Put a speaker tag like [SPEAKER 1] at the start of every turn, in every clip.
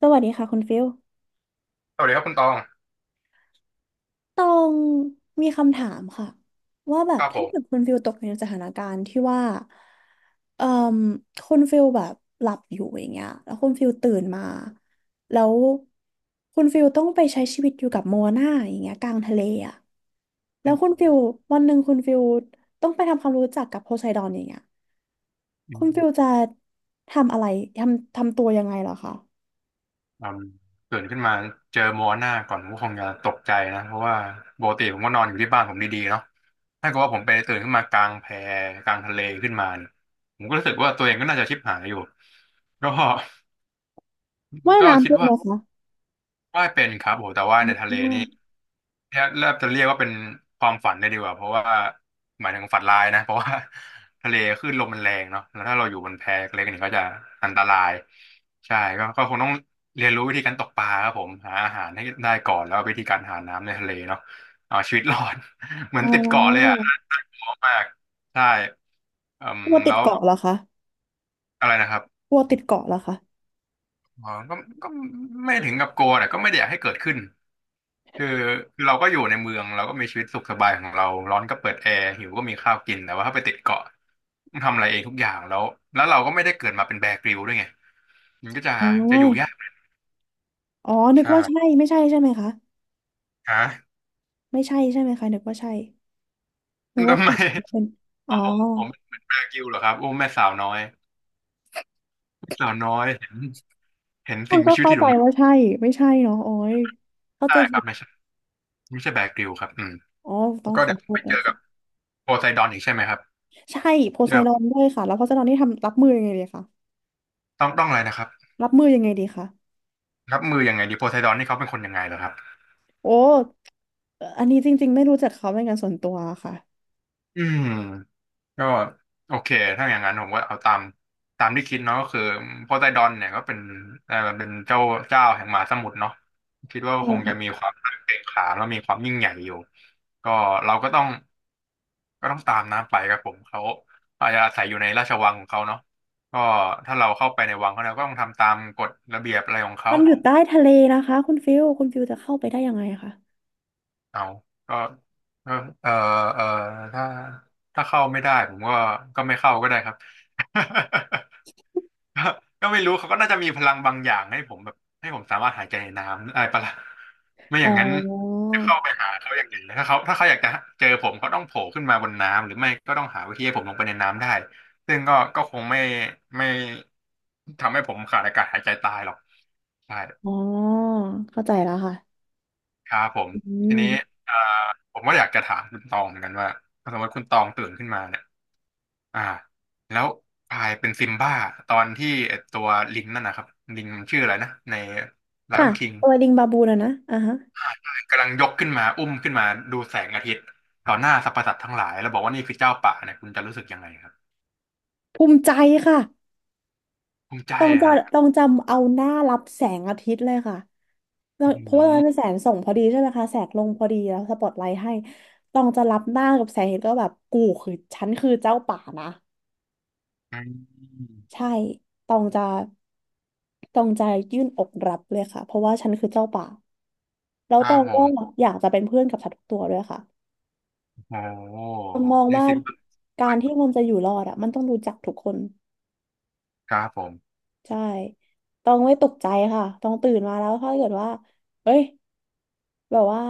[SPEAKER 1] สวัสดีค่ะคุณฟิล
[SPEAKER 2] สวัสดีครับคุณตอง
[SPEAKER 1] ตองมีคำถามค่ะว่าแบ
[SPEAKER 2] ค
[SPEAKER 1] บ
[SPEAKER 2] รับผ
[SPEAKER 1] ถ้า
[SPEAKER 2] ม
[SPEAKER 1] เกิดคุณฟิลตกอยู่ในสถานการณ์ที่ว่าเอ่อคุณฟิลแบบหลับอยู่อย่างเงี้ยแล้วคุณฟิลตื่นมาแล้วคุณฟิลต้องไปใช้ชีวิตอยู่กับโมนาอย่างเงี้ยกลางทะเลอ่ะแล้
[SPEAKER 2] อื
[SPEAKER 1] ว
[SPEAKER 2] ม
[SPEAKER 1] คุ
[SPEAKER 2] อื
[SPEAKER 1] ณ
[SPEAKER 2] ม
[SPEAKER 1] ฟิลวันหนึ่งคุณฟิลต้องไปทำความรู้จักกับโพไซดอนอย่างเงี้ยคุณฟิลจะทำอะไรทำตัวยังไงเหรอคะ
[SPEAKER 2] อืมตื่นขึ้นมาเจอมัวหน้าก่อนผมก็คงจะตกใจนะเพราะว่าปกติผมก็นอนอยู่ที่บ้านผมดีๆเนาะถ้าเกิดว่าผมไปตื่นขึ้นมากลางแพกลางทะเลขึ้นมาเนี่ยผมก็รู้สึกว่าตัวเองก็น่าจะชิบหายอยู่ก็
[SPEAKER 1] ว่าย
[SPEAKER 2] ก็
[SPEAKER 1] น้ำ
[SPEAKER 2] คิด
[SPEAKER 1] เป็นไห
[SPEAKER 2] ว่า
[SPEAKER 1] มคะ
[SPEAKER 2] ว่ายเป็นครับโหแต่ว่าในทะเล
[SPEAKER 1] อ๋
[SPEAKER 2] นี่
[SPEAKER 1] อ
[SPEAKER 2] แทบแทบจะเรียกว่าเป็นความฝันได้ดีกว่าเพราะว่าหมายถึงฝันร้ายนะเพราะว่า ทะเลคลื่นลมมันแรงเนาะแล้วถ้าเราอยู่บนแพเล็กนี่ก็จะอันตรายใช่ก็ก็คงต้องเรียนรู้วิธีการตกปลาครับผมหาอาหารให้ได้ก่อนแล้ววิธีการหาน้ำในทะเลเนาะเอาชีวิตรอด เหมือ
[SPEAKER 1] อ๋
[SPEAKER 2] นติดเกาะเลยอ่ะ
[SPEAKER 1] อ
[SPEAKER 2] น่ากลัวมากใช่เอม
[SPEAKER 1] กลัวติ
[SPEAKER 2] แล้
[SPEAKER 1] ด
[SPEAKER 2] ว
[SPEAKER 1] เกาะเหรอคะ
[SPEAKER 2] อะไรนะครับ
[SPEAKER 1] กลัวติดเกาะเหรอคะ
[SPEAKER 2] อ๋อก็ก็ไม่ถึงกับกลัวแต่ก็ไม่ได้อยากให้เกิดขึ้นคือคือเราก็อยู่ในเมืองเราก็มีชีวิตสุขสบายของเราร้อนก็เปิดแอร์หิวก็มีข้าวกินแต่ว่าถ้าไปติดเกาะต้องทำอะไรเองทุกอย่างแล้วแล้วเราก็ไม่ได้เกิดมาเป็นแบร์กริลด้วยไงมันก็จะ
[SPEAKER 1] อ๋
[SPEAKER 2] จะอยู่ยา
[SPEAKER 1] อ
[SPEAKER 2] ก
[SPEAKER 1] อ๋อนึก
[SPEAKER 2] ใช่
[SPEAKER 1] ว่าใช่ไม่ใช่ใช่ไหมคะ
[SPEAKER 2] ฮะ
[SPEAKER 1] ไม่ใช่ใช่ไหมคะนึกว่าใช่นึกว่า
[SPEAKER 2] ทำ
[SPEAKER 1] เป็
[SPEAKER 2] ไม
[SPEAKER 1] นเป็นอ๋
[SPEAKER 2] อ๋
[SPEAKER 1] อ
[SPEAKER 2] อผมเป็นแบร์กริลเหรอครับโอ้แม่สาวน้อยแม่สาวน้อยเห็นเห็น
[SPEAKER 1] ต้อ
[SPEAKER 2] สิ่
[SPEAKER 1] ง
[SPEAKER 2] งมี
[SPEAKER 1] ก็
[SPEAKER 2] ชีวิต
[SPEAKER 1] เข้า
[SPEAKER 2] ที่อยู่
[SPEAKER 1] ใจ
[SPEAKER 2] ตรงนั้น
[SPEAKER 1] ว่าใช่ ไม่ใช่เนาะโอ้ยเข้า
[SPEAKER 2] ได้
[SPEAKER 1] ใจ
[SPEAKER 2] ค
[SPEAKER 1] ผิ
[SPEAKER 2] รับ
[SPEAKER 1] ด
[SPEAKER 2] ไม่ใช่ไม่ใช่แบร์กริลครับอืม
[SPEAKER 1] อ๋อต้
[SPEAKER 2] แล้
[SPEAKER 1] อ
[SPEAKER 2] ว
[SPEAKER 1] ง
[SPEAKER 2] ก็
[SPEAKER 1] ขอ
[SPEAKER 2] เดี๋ยว
[SPEAKER 1] โท
[SPEAKER 2] ไป
[SPEAKER 1] ษ
[SPEAKER 2] เจ
[SPEAKER 1] นะ
[SPEAKER 2] อกั
[SPEAKER 1] คะ
[SPEAKER 2] บโพไซดอนอีกใช่ไหมครับ
[SPEAKER 1] ใช่โพไซ
[SPEAKER 2] เดี๋ยว
[SPEAKER 1] ดอนด้วยค่ะแล้วโพไซดอนนี่ทำรับมือยังไงดีคะ
[SPEAKER 2] ต้องอะไรนะครับ
[SPEAKER 1] รับมือยังไงดีคะ
[SPEAKER 2] รับมือยังไงดีโพไซดอนนี่เขาเป็นคนยังไงเหรอครับ
[SPEAKER 1] โอ้อันนี้จริงๆไม่รู้จักเขาเป็นการส่วนตัวค่ะ
[SPEAKER 2] อืมก็โอเคถ้าอย่างนั้นผมก็เอาตามตามที่คิดเนาะก็คือโพไซดอนเนี่ยก็เป็นเป็นเจ้าเจ้าแห่งมหาสมุทรเนาะคิดว่า
[SPEAKER 1] ใช่
[SPEAKER 2] คงจะ
[SPEAKER 1] ค่ะ
[SPEAKER 2] มีความเก่งขามแล้วมีความยิ่งใหญ่อยู่ก็เราก็ต้องก็ต้องตามน้ำไปครับผมเขาอาจจะอาศัยอยู่ในราชวังของเขาเนาะก็ถ้าเราเข้าไปในวังเขาเราก็ต้องทำตามกฎระเบียบอะไรของเขา
[SPEAKER 1] มันอยู่ใต้ทะเลนะคะคุณฟิลคุณฟิลจะเข้าไปได้ยังไงคะ
[SPEAKER 2] เอาก็ก็เออเออถ้าถ้าเข้าไม่ได้ผมก็ก็ไม่เข้าก็ได้ครับ ก็ก็ไม่รู้เขาก็น่าจะมีพลังบางอย่างให้ผมแบบให้ผมสามารถหายใจในน้ำอะไรปะล่ะไม่อ
[SPEAKER 1] อ๋อ
[SPEAKER 2] ย่างนั้นจะเข้าไปหาเขาอย่างไงถ้าเขาถ้าเขาอยากจะ เจอผม เขาต้องโผล่ขึ้นมาบนน้ำ หรือไม่ก็ต้องหาวิธีให้ผมลงไปในน้ำได้ซึ่งก็ก็คงไม่ไม่ทำให้ผมขาดอากาศหายใจตายหรอกใช่
[SPEAKER 1] อ๋อเข้าใจแล้วค่ะ
[SPEAKER 2] ครับผม
[SPEAKER 1] อื
[SPEAKER 2] ทีนี้
[SPEAKER 1] ม
[SPEAKER 2] เอ่อผมก็อยากจะถามคุณตองเหมือนกันว่าถ้าสมมติคุณตองตื่นขึ้นมาเนี่ยอ่าแล้วกลายเป็นซิมบ้าตอนที่ไอ้ตัวลิงนั่นนะครับลิงมันชื่ออะไรนะใน
[SPEAKER 1] ค่ะ
[SPEAKER 2] Lion King
[SPEAKER 1] ตัวลิงบาบูนะนะอ่าฮะ
[SPEAKER 2] กำลังยกขึ้นมาอุ้มขึ้นมาดูแสงอาทิตย์ต่อหน้าสรรพสัตว์ทั้งหลายแล้วบอกว่านี่คือเจ้าป่าเนี่ยคุณจะรู้สึกยังไงครับ
[SPEAKER 1] ภูมิใจค่ะ
[SPEAKER 2] ภูมิใจ
[SPEAKER 1] ต้อง
[SPEAKER 2] อะ
[SPEAKER 1] จะ
[SPEAKER 2] ฮะ
[SPEAKER 1] ต้องจำเอาหน้ารับแสงอาทิตย์เลยค่ะแล้ว
[SPEAKER 2] อื
[SPEAKER 1] เพราะว่าตอนนั้นเป็น
[SPEAKER 2] ม
[SPEAKER 1] แสงส่องพอดีใช่ไหมคะแสงลงพอดีแล้วสปอตไลท์ให้ต้องจะรับหน้ากับแสงเห็นก็แบบกูคือฉันคือเจ้าป่านะใช่ต้องจะต้องจะยื่นอกรับเลยค่ะเพราะว่าฉันคือเจ้าป่าแล้ว
[SPEAKER 2] ค
[SPEAKER 1] ต
[SPEAKER 2] รั
[SPEAKER 1] อ
[SPEAKER 2] บ
[SPEAKER 1] ง
[SPEAKER 2] ผ
[SPEAKER 1] ก็
[SPEAKER 2] ม
[SPEAKER 1] อยากจะเป็นเพื่อนกับสัตว์ทุกตัวด้วยค่ะ
[SPEAKER 2] โอ้โห
[SPEAKER 1] ต้องมอง
[SPEAKER 2] นี่
[SPEAKER 1] ว่า
[SPEAKER 2] สิบ
[SPEAKER 1] การที่มันจะอยู่รอดอ่ะมันต้องรู้จักทุกคน
[SPEAKER 2] ครับผม
[SPEAKER 1] ใช่ต้องไม่ตกใจค่ะต้องตื่นมาแล้วถ้าเกิดว่าเอ้ยแบบว่า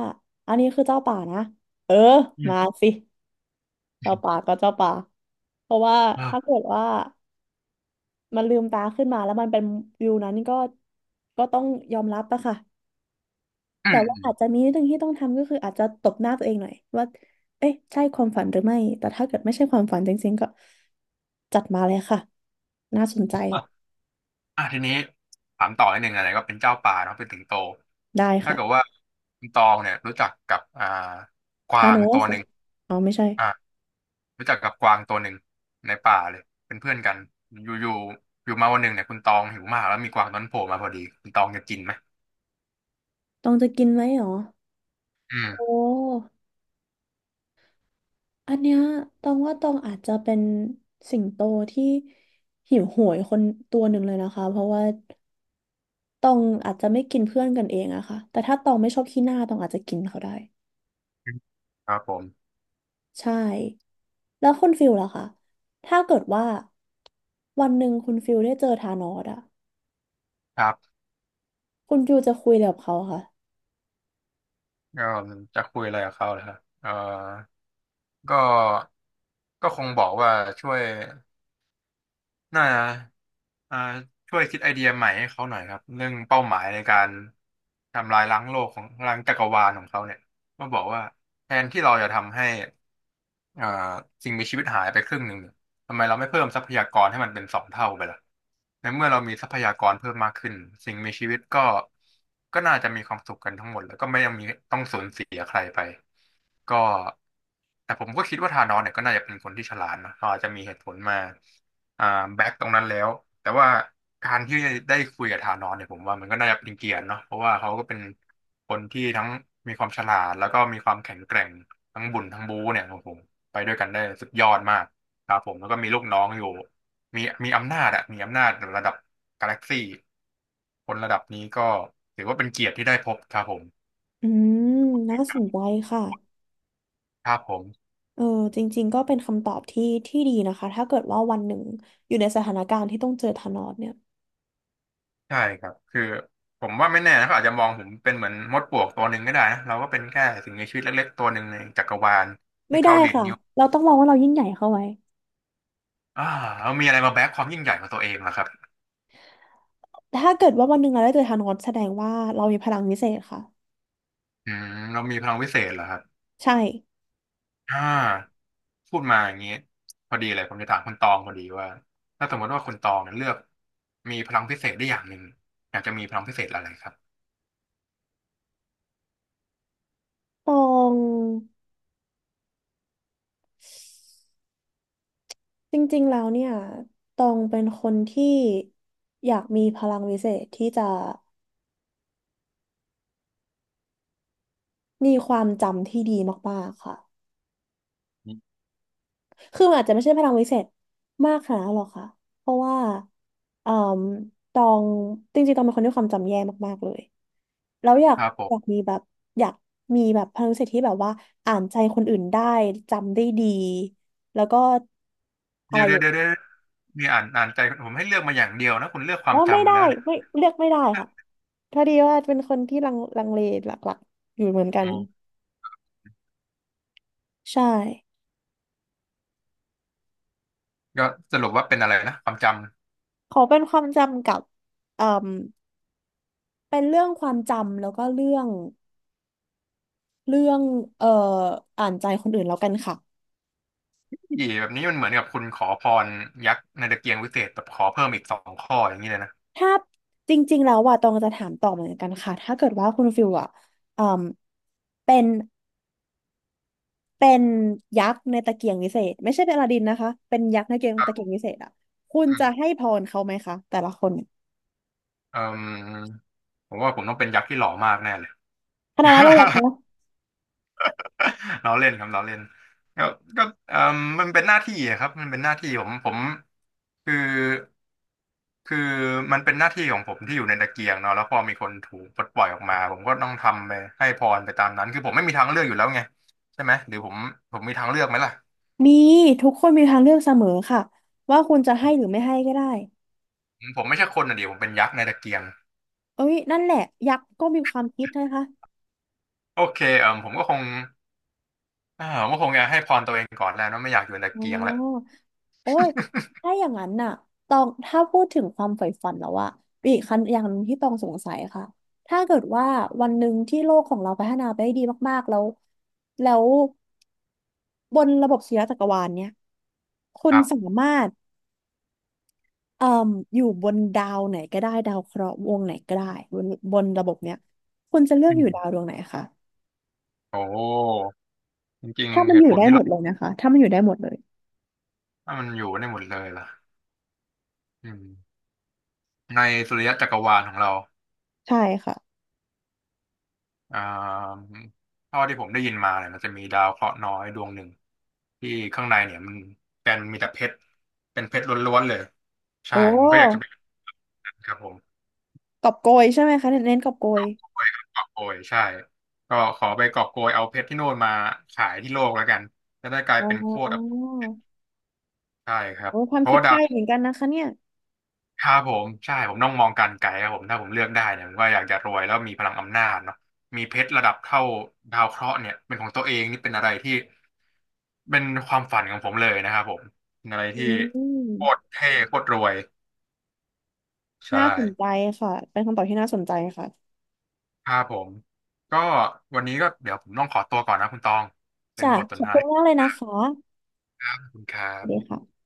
[SPEAKER 1] อันนี้คือเจ้าป่านะเออ
[SPEAKER 2] อืม
[SPEAKER 1] มาสิเจ้าป่าก็เจ้าป่าเพราะว่า ถ้า
[SPEAKER 2] อา
[SPEAKER 1] เกิดว่ามันลืมตาขึ้นมาแล้วมันเป็นวิวนั้นก็ก็ต้องยอมรับอะค่ะ
[SPEAKER 2] อื
[SPEAKER 1] แต่ว่า
[SPEAKER 2] ม
[SPEAKER 1] อาจจะมีนิดนึงที่ต้องทำก็คืออาจจะตบหน้าตัวเองหน่อยว่าเอ๊ะใช่ความฝันหรือไม่แต่ถ้าเกิดไม่ใช่ความฝันจริงๆก็จัดมาเลยค่ะน่าสนใจ
[SPEAKER 2] อ่ะทีนี้ถามต่อนิดนึงอะไรก็เป็นเจ้าป่าเนาะเป็นสิงโต
[SPEAKER 1] ได้
[SPEAKER 2] ถ้า
[SPEAKER 1] ค่ะ
[SPEAKER 2] เกิดว่าคุณตองเนี่ยรู้จักกับก
[SPEAKER 1] ทา
[SPEAKER 2] วา
[SPEAKER 1] น
[SPEAKER 2] ง
[SPEAKER 1] อ
[SPEAKER 2] ตั
[SPEAKER 1] ส
[SPEAKER 2] ว
[SPEAKER 1] เหร
[SPEAKER 2] ห
[SPEAKER 1] อ
[SPEAKER 2] นึ่ง
[SPEAKER 1] อ๋อไม่ใช่
[SPEAKER 2] อ่ะรู้จักกับกวางตัวหนึ่งในป่าเลยเป็นเพื่อนกันอยู่อยู่อยู่มาวันหนึ่งเนี่ยคุณตองหิวมากแล้วมีกวางตัวนั้นโผล่มาพอดีคุณตองจะกินไหม
[SPEAKER 1] ต้องจะกินไหมเหรอ
[SPEAKER 2] อื
[SPEAKER 1] โอ
[SPEAKER 2] ม
[SPEAKER 1] ้อันเนี้ยตองว่าตองอาจจะเป็นสิงโตที่หิวโหยคนตัวหนึ่งเลยนะคะเพราะว่าตองอาจจะไม่กินเพื่อนกันเองอะค่ะแต่ถ้าตองไม่ชอบขี้หน้าตองอาจจะกินเขาได้
[SPEAKER 2] ครับผม
[SPEAKER 1] ใช่แล้วคุณฟิลล่ะคะถ้าเกิดว่าวันหนึ่งคุณฟิลได้เจอธานอสอะ
[SPEAKER 2] ครับ
[SPEAKER 1] คุณฟิลจะคุยอะไรกับเขาค่ะ
[SPEAKER 2] ก็จะคุยอะไรกับเขาเลยครับเออก็ก็คงบอกว่าช่วย น่าจะอ่าช่วยคิดไอเดียใหม่ให้เขาหน่อยครับ เรื่องเป้าหมายในการทำลายล้างโลกของล้างจักรวาลของเขาเนี่ยก็บอกว่าแทนที่เราจะทำให้ อ่าสิ่งมีชีวิตหายไปครึ่งหนึ่งเนี่ยทำไมเราไม่เพิ่มทรัพยากรให้มันเป็นสองเท่าไปล่ะในเมื่อเรามีทรัพยากรเพิ่มมากขึ้นสิ่งมีชีวิตก็ก็น่าจะมีความสุขกันทั้งหมดแล้วก็ไม่ต้องมีต้องสูญเสียใครไปก็แต่ผมก็คิดว่าธานอสเนี่ยก็น่าจะเป็นคนที่ฉลาดนะเขาอาจจะมีเหตุผลมาอ่าแบ็กตรงนั้นแล้วแต่ว่าการที่ได้คุยกับธานอสเนี่ยผมว่ามันก็น่าจะเป็นเกียรติเนาะเพราะว่าเขาก็เป็นคนที่ทั้งมีความฉลาดแล้วก็มีความแข็งแกร่งทั้งบุญทั้งบูเนี่ยครับผม ไปด้วยกันได้สุดยอดมากครับผมแล้วก็มีลูกน้องอยู่มีอำนาจอะมีอำนาจระดับกาแล็กซี่คนระดับนี้ก็ถือว่าเป็นเกียรติที่ได้พบครับผม
[SPEAKER 1] อืมน่าสนใจค่ะ
[SPEAKER 2] ครับผม
[SPEAKER 1] เออจริงๆก็เป็นคำตอบที่ดีนะคะถ้าเกิดว่าวันหนึ่งอยู่ในสถานการณ์ที่ต้องเจอธานอสเนี่ย
[SPEAKER 2] ใช่ครับคือผมว่าไม่แน่นะเขาอาจจะมองผมเป็นเหมือนมดปลวกตัวหนึ่งก็ได้นะเราก็เป็นแค่สิ่งมีชีวิตเล็กๆตัวหนึ่งในจักรวาล
[SPEAKER 1] ไม่
[SPEAKER 2] ที่
[SPEAKER 1] ได้
[SPEAKER 2] เขาดีด
[SPEAKER 1] ค่ะ
[SPEAKER 2] นิ้ว
[SPEAKER 1] เราต้องมองว่าเรายิ่งใหญ่เข้าไว้
[SPEAKER 2] อ่าแล้วมีอะไรมาแบกความยิ่งใหญ่ของตัวเองล่ะครับ
[SPEAKER 1] ถ้าเกิดว่าวันหนึ่งเราได้เจอธานอสแสดงว่าเรามีพลังวิเศษค่ะ
[SPEAKER 2] อืมเรามีพลังวิเศษเหรอครับ
[SPEAKER 1] ใช่
[SPEAKER 2] อ่า พูดมาอย่างนี้พอดีเลยผมจะถามคุณตองพอดีว่าถ้าสมมติว่าคุณตองเนี่ยเลือกมีพลังพิเศษได้อย่างหนึ่งอยากจะมีพลังพิเศษอะไรครับ
[SPEAKER 1] ตอง จริงๆ แล้วเนี่ย ตองเป็นคนที่อยากมีพลังวิเศษที่จะมีความจำที่ดีมากๆค่ะคือมันอาจจะไม่ใช่พลังวิเศษมากขนาดนั้นหรอกค่ะเพราะว่าเอ่มตองจริงๆตองเป็นคนที่ความจำแย่มากๆ เลย แล้วอยาก
[SPEAKER 2] ครับผ
[SPEAKER 1] อ
[SPEAKER 2] ม
[SPEAKER 1] ยากมีแบบอยากมีแบบพลังวิเศษที่แบบว่าอ่านใจคนอื่นได้จำได้ดีแล้วก็อะ
[SPEAKER 2] เดี๋
[SPEAKER 1] ไร
[SPEAKER 2] ยว
[SPEAKER 1] อ
[SPEAKER 2] เดี๋ยว
[SPEAKER 1] ย่าง
[SPEAKER 2] เดี๋ยวเดี๋ยวมีอ่านใจผมให้เลือกมาอย่างเดียวนะคุณเลือกค
[SPEAKER 1] อ๋
[SPEAKER 2] วา
[SPEAKER 1] อ
[SPEAKER 2] ม
[SPEAKER 1] ไม่
[SPEAKER 2] จำมา
[SPEAKER 1] ได้
[SPEAKER 2] แล้วเนี่ย
[SPEAKER 1] ไม่เลือกไม่ได้ค่ะ พอดีว่าเป็นคนที่ลังเลหลักๆอยู่เหมือนกัน
[SPEAKER 2] อ๋อ
[SPEAKER 1] ใช่
[SPEAKER 2] ก็สรุปว่าเป็นอะไรนะความจำ
[SPEAKER 1] ขอเป็นความจำกับเอ่มเป็นเรื่องความจำแล้วก็เรื่องเอ่ออ่านใจคนอื่นแล้วกันค่ะ
[SPEAKER 2] อีแบบนี้มันเหมือนกับคุณขอพรยักษ์ในตะเกียงวิเศษแบบขอเพิ่มอีกสองข้ออย่างนี้เลยนะ
[SPEAKER 1] ถ้าจริงๆแล้วว่าตองจะถามต่อเหมือนกันค่ะถ้าเกิดว่าคุณฟิลอ่ะเอ่มเป็นเป็นยักษ์ในตะเกียงวิเศษไม่ใช่เป็นอลาดินนะคะเป็นยักษ์ในเกม
[SPEAKER 2] ครั
[SPEAKER 1] ตะเกียง
[SPEAKER 2] บ
[SPEAKER 1] วิเศษอ่ะคุณ
[SPEAKER 2] อื
[SPEAKER 1] จะ
[SPEAKER 2] ม
[SPEAKER 1] ให้พรเขาไหมคะแต่ละคน
[SPEAKER 2] เอ่มผมว่าผมต้องเป็นยักษ์ที่หล่อมากแน่เลย
[SPEAKER 1] ขนาดนั้นเลยเหรอคะ
[SPEAKER 2] เราเล่นครับเราเล่นก็ก็เออมันเป็นหน้าที่อะครับมันเป็นหน้าที่ผมคือคือมันเป็นหน้าที่ของผมที่อยู่ในตะเกียงเนาะแล้วพอมีคนถูกปลดปล่อยออกมาผมก็ต้องทำไปให้พรไปตามนั้นคือผมไม่มีทางเลือกอยู่แล้วไงใช่ไหมหรือผมมีทางเลือกไหมล่ะ
[SPEAKER 1] มีทุกคนมีทางเลือกเสมอค่ะว่าคุณจะให้หรือไม่ให้ก็ได้
[SPEAKER 2] ผมไม่ใช่คนอ่ะดิผมเป็นยักษ์ในตะเกียง
[SPEAKER 1] เอ้ยนั่นแหละยักษ์ก็มีความคิดนะคะ
[SPEAKER 2] โอเคเออผมก็คงจะให้พรตัวเองก่อนแล้วเนอะไม่อยากอยู่ในตะ
[SPEAKER 1] อ๋อ
[SPEAKER 2] เกียงแล้ว
[SPEAKER 1] โอ้ยถ้าอย่างนั้นน่ะตองถ้าพูดถึงความใฝ่ฝันแล้วอะมีอีกคันอย่างหนึ่งที่ตองสงสัยค่ะถ้าเกิดว่าวันหนึ่งที่โลกของเราพัฒนาไปได้ดีมากๆแล้วแล้วบนระบบสุริยะจักรวาลเนี่ยคุ
[SPEAKER 2] ค
[SPEAKER 1] ณ
[SPEAKER 2] รั
[SPEAKER 1] สา
[SPEAKER 2] บ
[SPEAKER 1] มารถเอ่มอยู่บนดาวไหนก็ได้ดาวเคราะห์วงไหนก็ได้บนบนระบบเนี้ยคุณจะเลือก
[SPEAKER 2] อื
[SPEAKER 1] อยู่ดาว
[SPEAKER 2] ม
[SPEAKER 1] ดวงไหนคะ
[SPEAKER 2] โอ้จริง
[SPEAKER 1] ถ้า
[SPEAKER 2] ๆ
[SPEAKER 1] มัน
[SPEAKER 2] เห
[SPEAKER 1] อ
[SPEAKER 2] ตุ
[SPEAKER 1] ยู่
[SPEAKER 2] ผล
[SPEAKER 1] ได้
[SPEAKER 2] ที่
[SPEAKER 1] หม
[SPEAKER 2] เรา
[SPEAKER 1] ดเลยนะคะถ้ามันอยู่ได้หมดเลย
[SPEAKER 2] ถ้ามันอยู่ได้หมดเลยล่ะอืม ในสุริยะจักรวาลของเรา
[SPEAKER 1] ใช่ค่ะ
[SPEAKER 2] อ่าเท่าที่ผมได้ยินมาเนี่ยมันจะมีดาวเคราะห์น้อยดวงหนึ่งที่ข้างในเนี่ยมันเป็นมีแต่เพชรเป็นเพชรล้วนๆเลย
[SPEAKER 1] โอ
[SPEAKER 2] ใช่ผมก็อยากจะ
[SPEAKER 1] ้
[SPEAKER 2] ไปครับผม
[SPEAKER 1] กอบโกยใช่ไหมคะเน้นกอบโกย
[SPEAKER 2] ไปกอบโกยใช่ก็ขอไปกอบโกยเอาเพชรที่โน่นมาขายที่โลกแล้วกันจะได้กลาย
[SPEAKER 1] อ๋
[SPEAKER 2] เป็นโคตรอภิ
[SPEAKER 1] อ
[SPEAKER 2] ใช่ครับ
[SPEAKER 1] โอ้ความ
[SPEAKER 2] เพราะ
[SPEAKER 1] คิด
[SPEAKER 2] ว่า
[SPEAKER 1] ใก
[SPEAKER 2] ดาว
[SPEAKER 1] ล้เหมือนกันนะคะเนี่ย
[SPEAKER 2] ครับผมใช่ผมต้องมองการไกลครับผมถ้าผมเลือกได้เนี่ยผมก็อยากจะรวยแล้วมีพลังอำนาจเนาะมีเพชรระดับเท่าดาวเคราะห์เนี่ยเป็นของตัวเองนี่เป็นอะไรที่เป็นความฝันของผมเลยนะครับผมเป็นอะไร
[SPEAKER 1] อื
[SPEAKER 2] ที่โคตร
[SPEAKER 1] ม
[SPEAKER 2] เท่โคตรรวยใช่
[SPEAKER 1] น่าสนใจค่ะเป็นคำตอบที่น่าสนใจค่ะ
[SPEAKER 2] ครับผมก็วันนี้ก็เดี๋ยวผมต้องขอตัวก่อนนะคุณตองเป็น
[SPEAKER 1] จ้ะ
[SPEAKER 2] บทส
[SPEAKER 1] ข
[SPEAKER 2] น
[SPEAKER 1] อ
[SPEAKER 2] ท
[SPEAKER 1] บ
[SPEAKER 2] นา
[SPEAKER 1] คุณ
[SPEAKER 2] ที่
[SPEAKER 1] มากเลยนะคะ
[SPEAKER 2] ขอบคุณครั
[SPEAKER 1] สวัสดี
[SPEAKER 2] บ
[SPEAKER 1] ค่ะ